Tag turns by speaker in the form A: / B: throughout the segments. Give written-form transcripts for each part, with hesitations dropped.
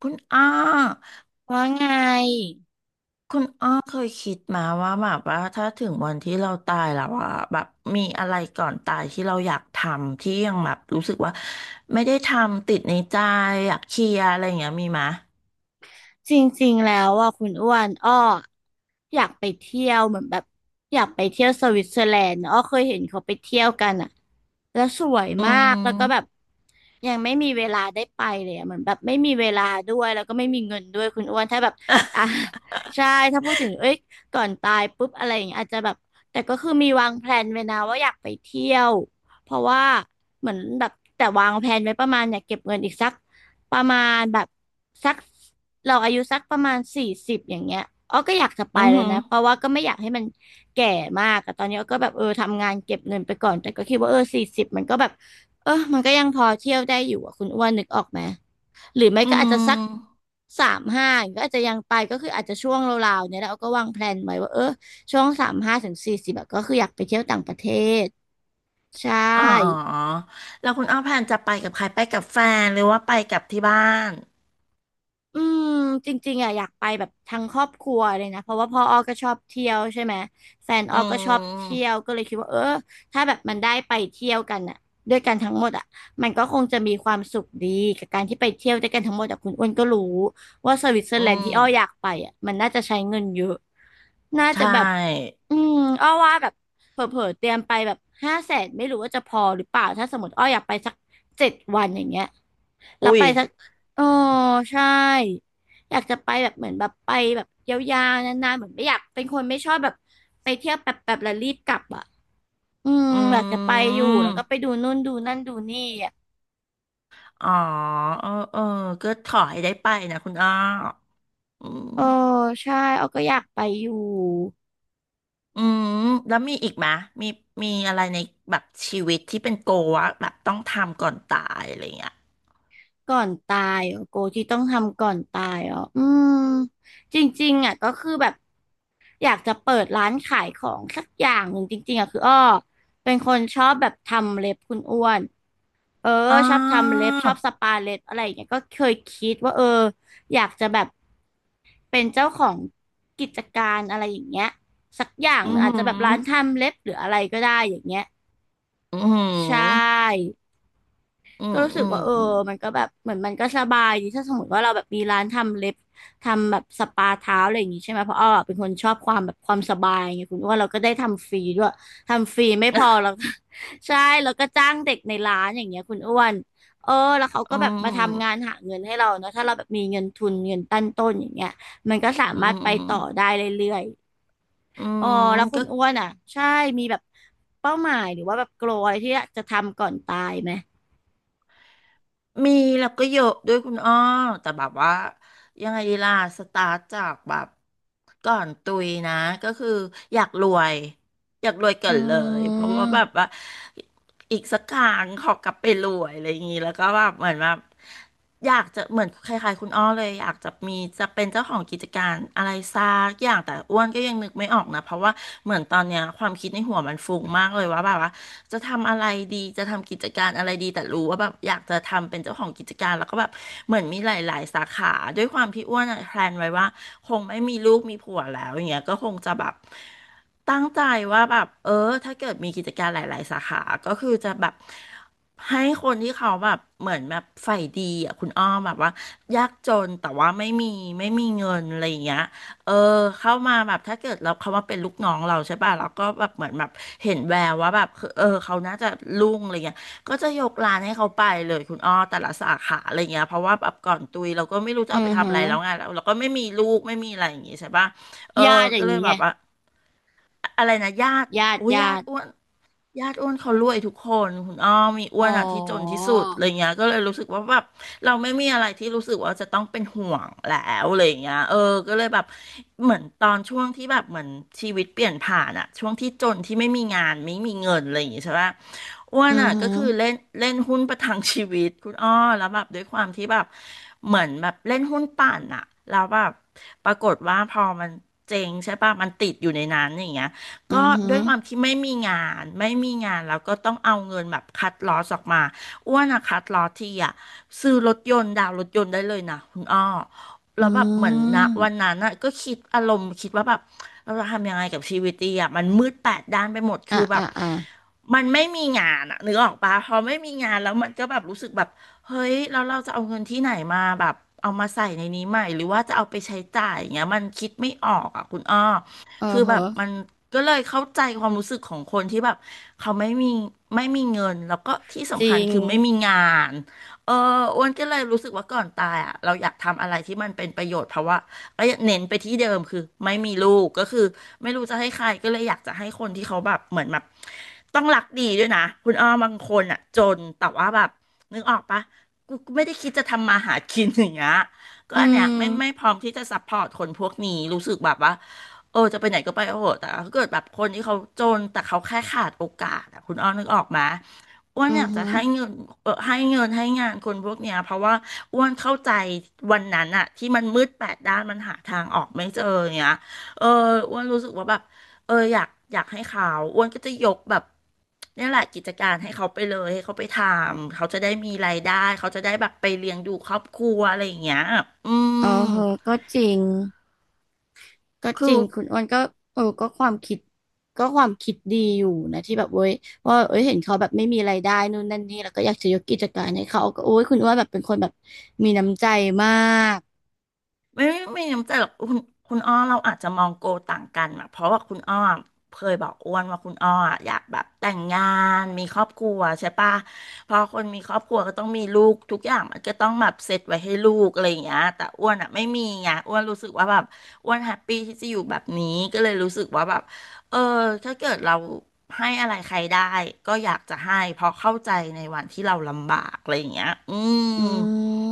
A: คุณอ้อ
B: ว่าไง
A: เคยคิดมาว่าแบบว่าถ้าถึงวันที่เราตายแล้วอะแบบมีอะไรก่อนตายที่เราอยากทำที่ยังแบบรู้สึกว่าไม่ได้ทำติดในใจอยากเคลียร์อะไรอย่างเงี้ยมีไหม
B: จริงๆแล้วอ่ะคุณอ้วนอ้ออยากไปเที่ยวเหมือนแบบอยากไปเที่ยวสวิตเซอร์แลนด์อ้อเคยเห็นเขาไปเที่ยวกันอ่ะแล้วสวย
A: อื
B: มากแล้วก็แบบ
A: ม
B: ยังไม่มีเวลาได้ไปเลยอะเหมือนแบบไม่มีเวลาด้วยแล้วก็ไม่มีเงินด้วยคุณอ้วนถ้าแบบอ่ะ ใช่ถ้าพูดถึงเอ้ยก่อนตายปุ๊บอะไรอย่างเงี้ยอาจจะแบบแต่ก็คือมีวางแพลนไว้นะว่าอยากไปเที่ยวเพราะว่าเหมือนแบบแต่วางแพลนไว้ประมาณอยากเก็บเงินอีกสักประมาณแบบสักเราอายุสักประมาณสี่สิบอย่างเงี้ยอ้อก็อยากจะไป
A: อือ
B: เลย
A: หือ
B: นะเพราะว่าก็ไม่อยากให้มันแก่มากแต่ตอนนี้อ้อก็แบบเออทำงานเก็บเงินไปก่อนแต่ก็คิดว่าเออสี่สิบมันก็แบบ เออมันก็ยังพอเที่ยวได้อยู่อ่ะคุณอ้วนนึกออกไหมหรือไม่
A: อื
B: ก็อาจจะสัก
A: ม
B: สามห้าก็อาจจะยังไปก็คืออาจจะช่วงราวๆเนี่ยแล้วก็วางแพลนไว้ว่าเออช่วง35-40ก็คืออยากไปเที่ยวต่างประเทศใช่
A: อ๋อแล้วคุณอ้อแพนจะไปกับใครไปกับแฟนหรือว่าไปกับที่บ้าน
B: อืมจริงๆอ่ะอยากไปแบบทั้งครอบครัวเลยนะเพราะว่าพ่ออ้อก็ชอบเที่ยวใช่ไหมแฟนอ้
A: อื
B: อก็ชอบเที่ยว
A: ม
B: ก็เลยคิดว่าเออถ้าแบบมันได้ไปเที่ยวกันอ่ะด้วยกันทั้งหมดอ่ะมันก็คงจะมีความสุขดีกับการที่ไปเที่ยวด้วยกันทั้งหมดอ่ะคุณอ้วนก็รู้ว่าสวิตเซอ
A: อื
B: ร์แลนด์ที่อ้ออยาก
A: ม
B: ไปอ่ะมันน่าจะใช้เงินเยอะน่า
A: ใช
B: จะแบบ
A: ่
B: อืมอ้อว่าแบบเผลอๆเตรียมไปแบบ500,000ไม่รู้ว่าจะพอหรือเปล่าถ้าสมมติอ้ออยากไปสัก7 วันอย่างเงี้ยแล้ว
A: อุ้ย
B: ไปสักโอ้ใช่อยากจะไปแบบเหมือนแบบไปแบบยาวๆนานๆเหมือนไม่อยากเป็นคนไม่ชอบแบบไปเที่ยวแบบแบบแล้วรีบกลับอ่ะอืม
A: อ
B: อยากจะ
A: ื
B: ไปอยู่แล้วก็
A: ม
B: ไปดูนู่นดูนั่นดูนี่อ่ะ
A: อ๋อเออเออก็ขอให้ได้ไปนะคุณอ้ออื
B: โอ้
A: ม
B: ใช่อ้อก็อยากไปอยู่
A: อืมแล้วมีอีกไหมมีมีอะไรในแบบชีวิตที่เป็นโกวะแบบต้องทำก่อนตายอะไรเงี้ย
B: ก่อนตายอ๋อโกที่ต้องทำก่อนตายอ๋ออืมจริงๆอ่ะก็คือแบบ อยากจะเปิดร้านขายของสักอย่างหนึ่งจริงๆอะคืออ้อเป็นคนชอบแบบทำเล็บคุณอ้วนเออ
A: อ๋
B: ชอบทำ
A: อ
B: เล็บชอบสปาเล็บอะไรอย่างเงี้ยก็เคยคิดว่าเอออยากจะแบบเป็นเจ้าของกิจการอะไรอย่างเงี้ยสักอย่าง
A: อื
B: หนึ่
A: ม
B: งอาจ
A: หื
B: จะแบบ
A: ม
B: ร้านทำเล็บหรืออะไรก็ได้อย่างเงี้ย
A: อืมหื
B: ใช่
A: มอื
B: ก็
A: ม
B: รู้สึ
A: อื
B: ก
A: ม
B: ว่าเออ
A: อืม
B: มันก็แบบเหมือนมันก็สบายดีถ้าสมมติว่าเราแบบมีร้านทำเล็บทำแบบสปาเท้าอะไรอย่างงี้ใช่ไหมเพราะอ้อเป็นคนชอบความแบบความสบายไงคุณว่าเราก็ได้ทำฟรีด้วยทำฟรีไม่พอเรา ใช่แล้วก็จ้างเด็กในร้านอย่างเงี้ยคุณอ้วนเออแล้วเขา
A: อื
B: ก็แบบมาทำงาน
A: ม
B: หาเงินให้เราเนาะถ้าเราแบบมีเงินทุนเงินตั้งต้นอย่างเงี้ยมันก็สา
A: อื
B: มารถไปต่อได้
A: ม
B: เรื่อย
A: อื
B: ๆอ๋อ
A: ม
B: แล้วคุ
A: ก็
B: ณอ้วนอ่ะใช่มีแบบเป้าหมายหรือว่าแบบโกลอะไรที่อยากจะทำก่อนตายไหม
A: มีแล้วก็เยอะด้วยคุณอ้อแต่แบบว่ายังไงดีล่ะสตาร์ทจากแบบก่อนตุยนะก็คืออยากรวย อยากรวยเก่อนเล
B: อื
A: ยเพราะว่าแบ
B: ม
A: บว่าอีกสักครั้งขอกลับไปรวยอะไรอย่างนี้แล้วก็แบบเหมือนแบบอยากจะเหมือนคล้ายๆคุณอ้อเลยอยากจะมีจะเป็นเจ้าของกิจการอะไรสักอย่างแต่อ้วนก็ยังนึกไม่ออกนะเพราะว่าเหมือนตอนเนี้ยความคิดในหัวมันฟุ้งมากเลยว่าแบบว่าจะทำอะไรดีจะทำกิจการอะไรดีแต่รู้ว่าแบบอยากจะทำเป็นเจ้าของกิจการแล้วก็แบบเหมือนมีหลายๆสาขาด้วยความที่อ้วนอะแพลนไว้ว่าคงไม่มีลูกมีผัวแล้วอย่างเงี้ยก็คงจะแบบ ตั้งใจว่าแบบเออถ้าเกิดมีกิจการหลายๆสาขาก็คือจะแบบให้คนที่เขาแบบเหมือนแบบใฝ่ดีอ่ะคุณอ้อมแบบว่ายากจนแต่ว่าไม่มีเงินอะไรอย่างเงี้ยเออเข้ามาแบบถ้าเกิดเราเขามาเป็นลูกน้องเราใช่ป่ะเราก็แบบเหมือนแบบเห็นแววว่าแบบคือเออเขาน่าจะรุ่งอะไรเงี้ยก็จะยกร้านให้เขาไปเลยคุณอ้อแต่ละสาขาอะไรเงี้ยเพราะว่าแบบก่อนตุยเราก็ไม่รู้จะ
B: อื
A: เอาไป
B: อหื
A: ทำอะไร
B: อ
A: แล้วไงเราก็ไม่มีลูกไม่มีอะไรอย่างงี้ใช่ป่ะเออ
B: ญาติอ
A: ก็
B: ย่าง
A: เลย
B: นี้
A: แบ
B: ไง
A: บว่า อะไรนะญาติ
B: ญาติ
A: โอ้ย
B: ญา
A: ญาติ
B: ติ
A: อ้วนเขารวยทุกคนคุณอ้อมมีอ้
B: อ๋
A: ว
B: อ
A: นอ่ะที่จนที่สุดอะไรเงี้ยก็เลยรู้สึกว่าแบบเราไม่มีอะไรที่รู้สึกว่าจะต้องเป็นห่วงแล้วอะไรเงี้ยเออก็เลยแบบเหมือนตอนช่วงที่แบบเหมือนชีวิตเปลี่ยนผ่านอ่ะช่วงที่จนที่ไม่มีงานไม่มีเงินอะไรอย่างงี้ใช่ปะอ้ว
B: อื
A: น
B: อ
A: อ่ะ
B: หื
A: ก็
B: อ
A: คือเล่นเล่นหุ้นประทังชีวิตคุณอ้อแล้วแบบด้วยความที่แบบเหมือนแบบเล่นหุ้นปั่นอ่ะแล้วแบบปรากฏว่าพอมันเจ๊งใช่ปะมันติดอยู่ในนั้นอย่างเงี้ย
B: อื
A: ก็
B: อหื
A: ด้
B: อ
A: วยความที่ไม่มีงานไม่มีงานแล้วก็ต้องเอาเงินแบบคัดลอสออกมาอ้วนอะคัดลอสทีอะซื้อรถยนต์ดาวน์รถยนต์ได้เลยนะคุณอ้อ
B: อื
A: แล้วแบบเหมือนนะวัน
B: ม
A: นั้นอะก็คิดอารมณ์คิดว่าแบบเราจะทำยังไงกับชีวิตดีอ่ะมันมืดแปดด้านไปหมด
B: อ่ะ
A: คือแบ
B: อ่ะ
A: บ
B: อ่ะ
A: มันไม่มีงานอ่ะนึกออกปะพอไม่มีงานแล้วมันก็แบบรู้สึกแบบเฮ้ยแล้วเราจะเอาเงินที่ไหนมาแบบเอามาใส่ในนี้ใหม่หรือว่าจะเอาไปใช้จ่ายอย่างเงี้ยมันคิดไม่ออกอ่ะคุณอ้อ
B: เออ
A: คือ
B: เห
A: แบบ
B: อะ
A: มันก็เลยเข้าใจความรู้สึกของคนที่แบบเขาไม่มีเงินแล้วก็ที่
B: จ
A: สำคั
B: ริ
A: ญ
B: ง
A: คือไม่มีงานเอออ้วนก็เลยรู้สึกว่าก่อนตายอ่ะเราอยากทำอะไรที่มันเป็นประโยชน์เพราะว่าก็เน้นไปที่เดิมคือไม่มีลูกก็คือไม่รู้จะให้ใครก็เลยอยากจะให้คนที่เขาแบบเหมือนแบบต้องรักดีด้วยนะคุณอ้อบางคนอ่ะจนแต่ว่าแบบนึกออกปะกูไม่ได้คิดจะทำมาหากินอย่างเงี้ยก็
B: อื
A: อันเนี้ยไม่
B: ม
A: พร้อมที่จะซัพพอร์ตคนพวกนี้รู้สึกแบบว่า เออจะไปไหนก็ไปเออแต่ถ้าเกิดแบบคนที่เขาจนแต่เขาแค่ขาดโอกาสอะคุณอ้อนึกออกมาอ้วน
B: อื
A: อ
B: อ
A: ยากจะ
B: หือ
A: ให้เงินเออให้เงินให้งานคนพวกเนี้ยเพราะว่าอ้วนเข้าใจวันนั้นอะที่มันมืดแปดด้านมันหาทางออกไม่เจอเนี้ยเอออ้วนรู้สึกว่าแบบเอออยากให้เขาอ้วนก็จะยกแบบเนี่ยแหละกิจการให้เขาไปเลยให้เขาไปทำเขาจะได้มีรายได้เขาจะได้แบบไปเลี้ยงดูครอบครัวอะไรอย่างเงี้ยอื
B: เออ
A: ม
B: เหอะก็จริงก็จ
A: คื
B: ริ
A: อ
B: งคุณอ้วนก็เออก็ความคิดก็ความคิดดีอยู่นะที่แบบเว้ยว่าเอ้ยเห็นเขาแบบไม่มีรายได้นู่นนั่นนี่แล้วก็อยากจะยกกิจการให้เขาก็โอ้ยคุณอ้วนแบบเป็นคนแบบมีน้ำใจมาก
A: ไม่น้ำใจหรอกคุณคุณอ้อเราอาจจะมองโกต่างกันอะเพราะว่าคุณอ้อเคยบอกอ้วนว่าคุณอ้ออะอยากแบบแต่งงานมีครอบครัวใช่ปะพอคนมีครอบครัวก็ต้องมีลูกทุกอย่างมันก็ต้องแบบเสร็จไว้ให้ลูกอะไรอย่างเงี้ยแต่อ้วนอะไม่มีไงอ้วนรู้สึกว่าแบบอ้วนแฮปปี้ที่จะอยู่แบบนี้ก็เลยรู้สึกว่าแบบเออถ้าเกิดเราให้อะไรใครได้ก็อยากจะให้เพราะเข้าใจในวันที่เราลำบากอะไรอย่างเงี้ยอืม
B: อื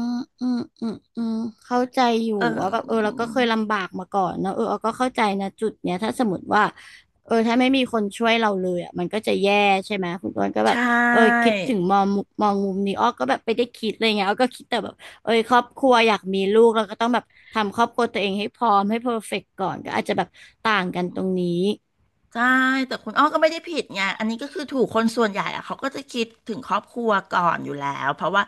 B: มอืมอืมอืมเข้าใจอยู่
A: เอ
B: ว่าแบบเออเรา
A: อ
B: ก็เคยลำบากมาก่อนเนอะเออเราก็เข้าใจนะจุดเนี้ยถ้าสมมติว่าเออถ้าไม่มีคนช่วยเราเลยอ่ะมันก็จะแย่ใช่ไหมคุณอ้วนก็แบบ
A: ใช่
B: เออคิดถึงมองมุมนี้อ้อก็แบบไปได้คิดอะไรเงี้ยอ้อก็คิดแต่แบบเออครอบครัวอยากมีลูกเราก็ต้องแบบทำครอบครัวตัวเองให้พร้อมให้เพอร์เฟกต์ก่อนก็อาจจะแบบต่างกันตรงนี้
A: ใช่แต่คุณอ้อก็ไม่ได้ผิดไงอันนี้ก็คือถูกคนส่วนใหญ่อะเขาก็จะคิดถึงครอบครัวก่อนอยู่แล้วเพราะว่า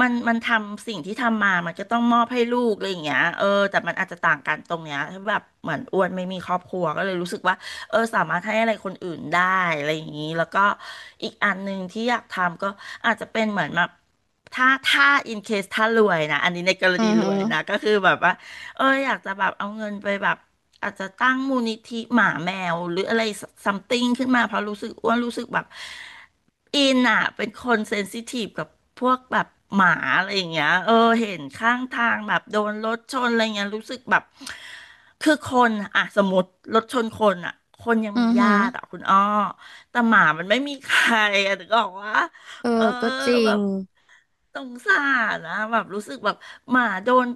A: มันทำสิ่งที่ทำมามันก็ต้องมอบให้ลูกอะไรอย่างเงี้ยเออแต่มันอาจจะต่างกันตรงเนี้ยแบบเหมือนอ้วนไม่มีครอบครัวก็เลยรู้สึกว่าเออสามารถให้อะไรคนอื่นได้อะไรอย่างนี้แล้วก็อีกอันหนึ่งที่อยากทำก็อาจจะเป็นเหมือนแบบถ้า in case ถ้ารวยนะอันนี้ในกร
B: อื
A: ณี
B: อ
A: ร
B: หือ
A: วยนะก็คือแบบว่า เอออยากจะแบบเอาเงินไปแบบอาจจะตั้งมูลนิธิหมาแมวหรืออะไรซัมติงขึ้นมาเพราะรู้สึกอ้วนรู้สึกแบบอินอ่ะเป็นคนเซนซิทีฟกับพวกแบบหมาอะไรอย่างเงี้ยเออเห็นข้างทางแบบโดนรถชนอะไรเงี้ยรู้สึกแบบคือคนอ่ะสมมติรถชนคนอ่ะคนยัง
B: อื
A: มี
B: อหื
A: ญา
B: อ
A: ติอ่ะคุณอ้อแต่หมามันไม่มีใครอ่ะถึงบอกว่า
B: เออ
A: เออ
B: ก็จริ
A: แบ
B: ง
A: บสงสารนะแบบรู้สึกแบบหมาโดน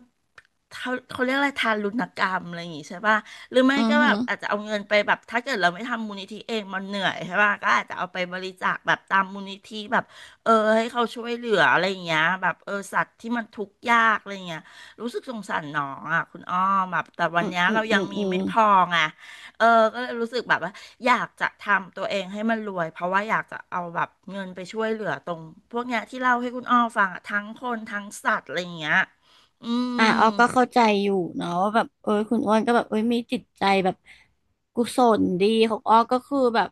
A: เขาเรียกอะไรทารุณกรรมอะไรอย่างงี้ใช่ป่ะหรือไม่
B: อือ
A: ก็แบ
B: หื
A: บ
B: อ
A: อาจจะเอาเงินไปแบบถ้าเกิดเราไม่ทำมูลนิธิเองมันเหนื่อยใช่ป่ะก็อาจจะเอาไปบริจาคแบบตามมูลนิธิแบบเออให้เขาช่วยเหลืออะไรอย่างเงี้ยแบบเออสัตว์ที่มันทุกข์ยากอะไรอย่างเงี้ยรู้สึกสงสารน้องอ่ะคุณอ้อมแบบแต่วั
B: อื
A: น
B: ม
A: เนี้ย
B: อืม
A: เรา
B: อื
A: ยัง
B: ม
A: มี
B: อืม
A: ไม่พอไง เออก็เลยรู้สึกแบบว่าอยากจะทำตัวเองให้มันรวยเพราะว่าอยากจะเอาแบบเงินไปช่วยเหลือตรงพวกเนี้ยที่เล่าให้คุณอ้อฟังอะทั้งคนทั้งสัตว์อะไรอย่างเงี้ยอื
B: อ่ะ
A: ม
B: ออกก็เข้าใจอยู่เนาะว่าแบบเออคุณอ้วนก็แบบเอ้ยมีจิตใจแบบกุศลดีของอ้อกก็คือแบบ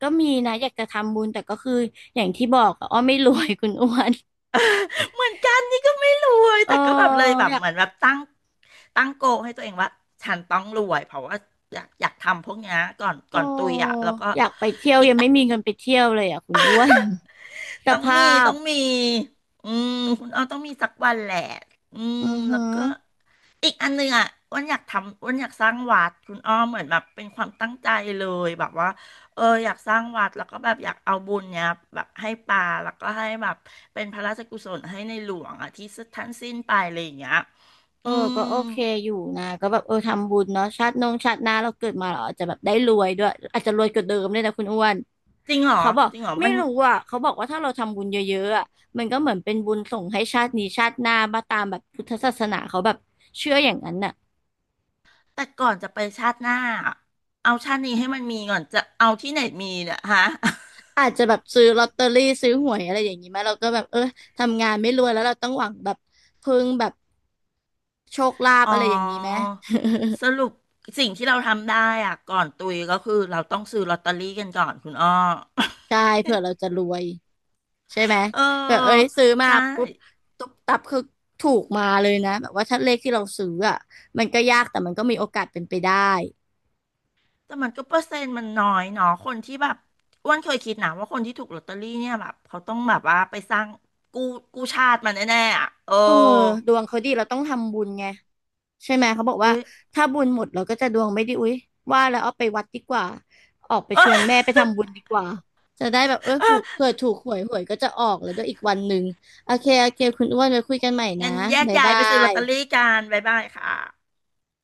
B: ก็มีนะอยากจะทำบุญแต่ก็คืออย่างที่บอกอะอ้อไม่รวย คุณอ้วน
A: เหมือนกันนี่ก็ไม่รวย
B: เออ
A: แต่ก็แบบเลยแบบ
B: อยาก
A: เหมือนแบบตั้งโกลให้ตัวเองว่าฉันต้องรวยเพราะว่าอยากทำพวกเนี้ยก่อน
B: เออ
A: ก่อนตุยอ่ะแล้วก็
B: อยากไปเที่ยว
A: อี
B: ยั
A: ก
B: ง ไม่มีเงินไปเที่ยวเลยอ่ะคุณอ้วน ส
A: ต้อง
B: ภา
A: มี
B: พ
A: ต้องมีอืมคุณอ้อต้องมีสักวันแหละอืม
B: อือหื
A: แล้วก็
B: อ
A: อีกอันหนึงอ่ะอ้วันอยากทำอ้วันอยากสร้างวัดคุณอ้อมเหมือนแบบเป็นความตั้งใจเลยแบบว่าเอออยากสร้างวัดแล้วก็แบบอยากเอาบุญเนี้ยแบบให้ป่าแล้วก็ให้แบบเป็นพระราชกุศลให้ในหลวงอ่ะที่ท่านสิ้นไปอะไรอย่างเงี้ย
B: เอ
A: อื
B: อ
A: ม
B: ก็โอเคอยู่นะก็แบบเออทำบุญเนาะชาตินงชาติหน้าเราเกิดมาเราอาจจะแบบได้รวยด้วยอาจจะรวยกว่าเดิมเลยนะคุณอ้วน
A: จริงเหรอ
B: เขาบอก
A: จริงเหรอ
B: ไม่
A: มัน
B: รู้อ่ะเขาบอกว่าถ้าเราทำบุญเยอะๆอ่ะมันก็เหมือนเป็นบุญส่งให้ชาตินี้ชาติหน้ามาตามแบบพุทธศาสนาเขาแบบเชื่ออย่างนั้นน่ะ
A: แต่ก่อนจะไปชาติหน้าอะเอาชาตินี้ให้มันมีก่อนจะเอาที่ไหนมีเนี่ยฮะ
B: อาจจะแบบซื้อลอตเตอรี่ซื้อหวยอะไรอย่างนี้ไหมเราก็แบบเออทำงานไม่รวยแล้วเราต้องหวังแบบพึ่งแบบโชคลาภ
A: อ๋อ
B: อะไรอย่างนี้ไหม
A: สรุปสิ่งที่เราทำได้อ่ะก่อนตุยก็คือเราต้องซื้อลอตเตอรี่กันก่อนคุณอ้อ
B: ใช่เผื่อเราจะรวยใช่ไหม
A: เ
B: แบบเอ้ย
A: ออ
B: ซื้อมา
A: ใช่
B: ปุ๊บตุ๊บตับคือถูกมาเลยนะแบบว่าถ้าเลขที่เราซื้ออ่ะมันก็ยากแต่มันก็มีโอกาสเป็นไปได้
A: แต่มันก็เปอร์เซ็นต์มันน้อยเนาะคนที่แบบอ้วนเคยคิดนะว่าคนที่ถูกลอตเตอรี่เนี่ยแบบเขาต้องแบบว่าไปสร้างกู้กู้ชาติมาแน่ๆอ่ะเออ
B: เออดวงเขาดีเราต้องทำบุญไง ใช่ไหมเขาบอก
A: อุ้
B: ว่า
A: ย
B: ถ้าบุญหมดเราก็จะดวงไม่ดีอุ๊ยว่าแล้วเอาไปวัดดีกว่าออกไปชวนแม่ไปทำบุญดีกว่าจะได้แบบเออถูกเผื่อถูกหวยหวยก็จะออกแล้วด้วยอีกวันหนึ่งโอเคโอเคคุณอ้วนไว้คุยกันใหม่นะ
A: งั้นแยก
B: บ๊าย
A: ย้าย
B: บา
A: ไปซื้อลอตเตอรี่
B: ย
A: กันบ๊ายบายค่ะ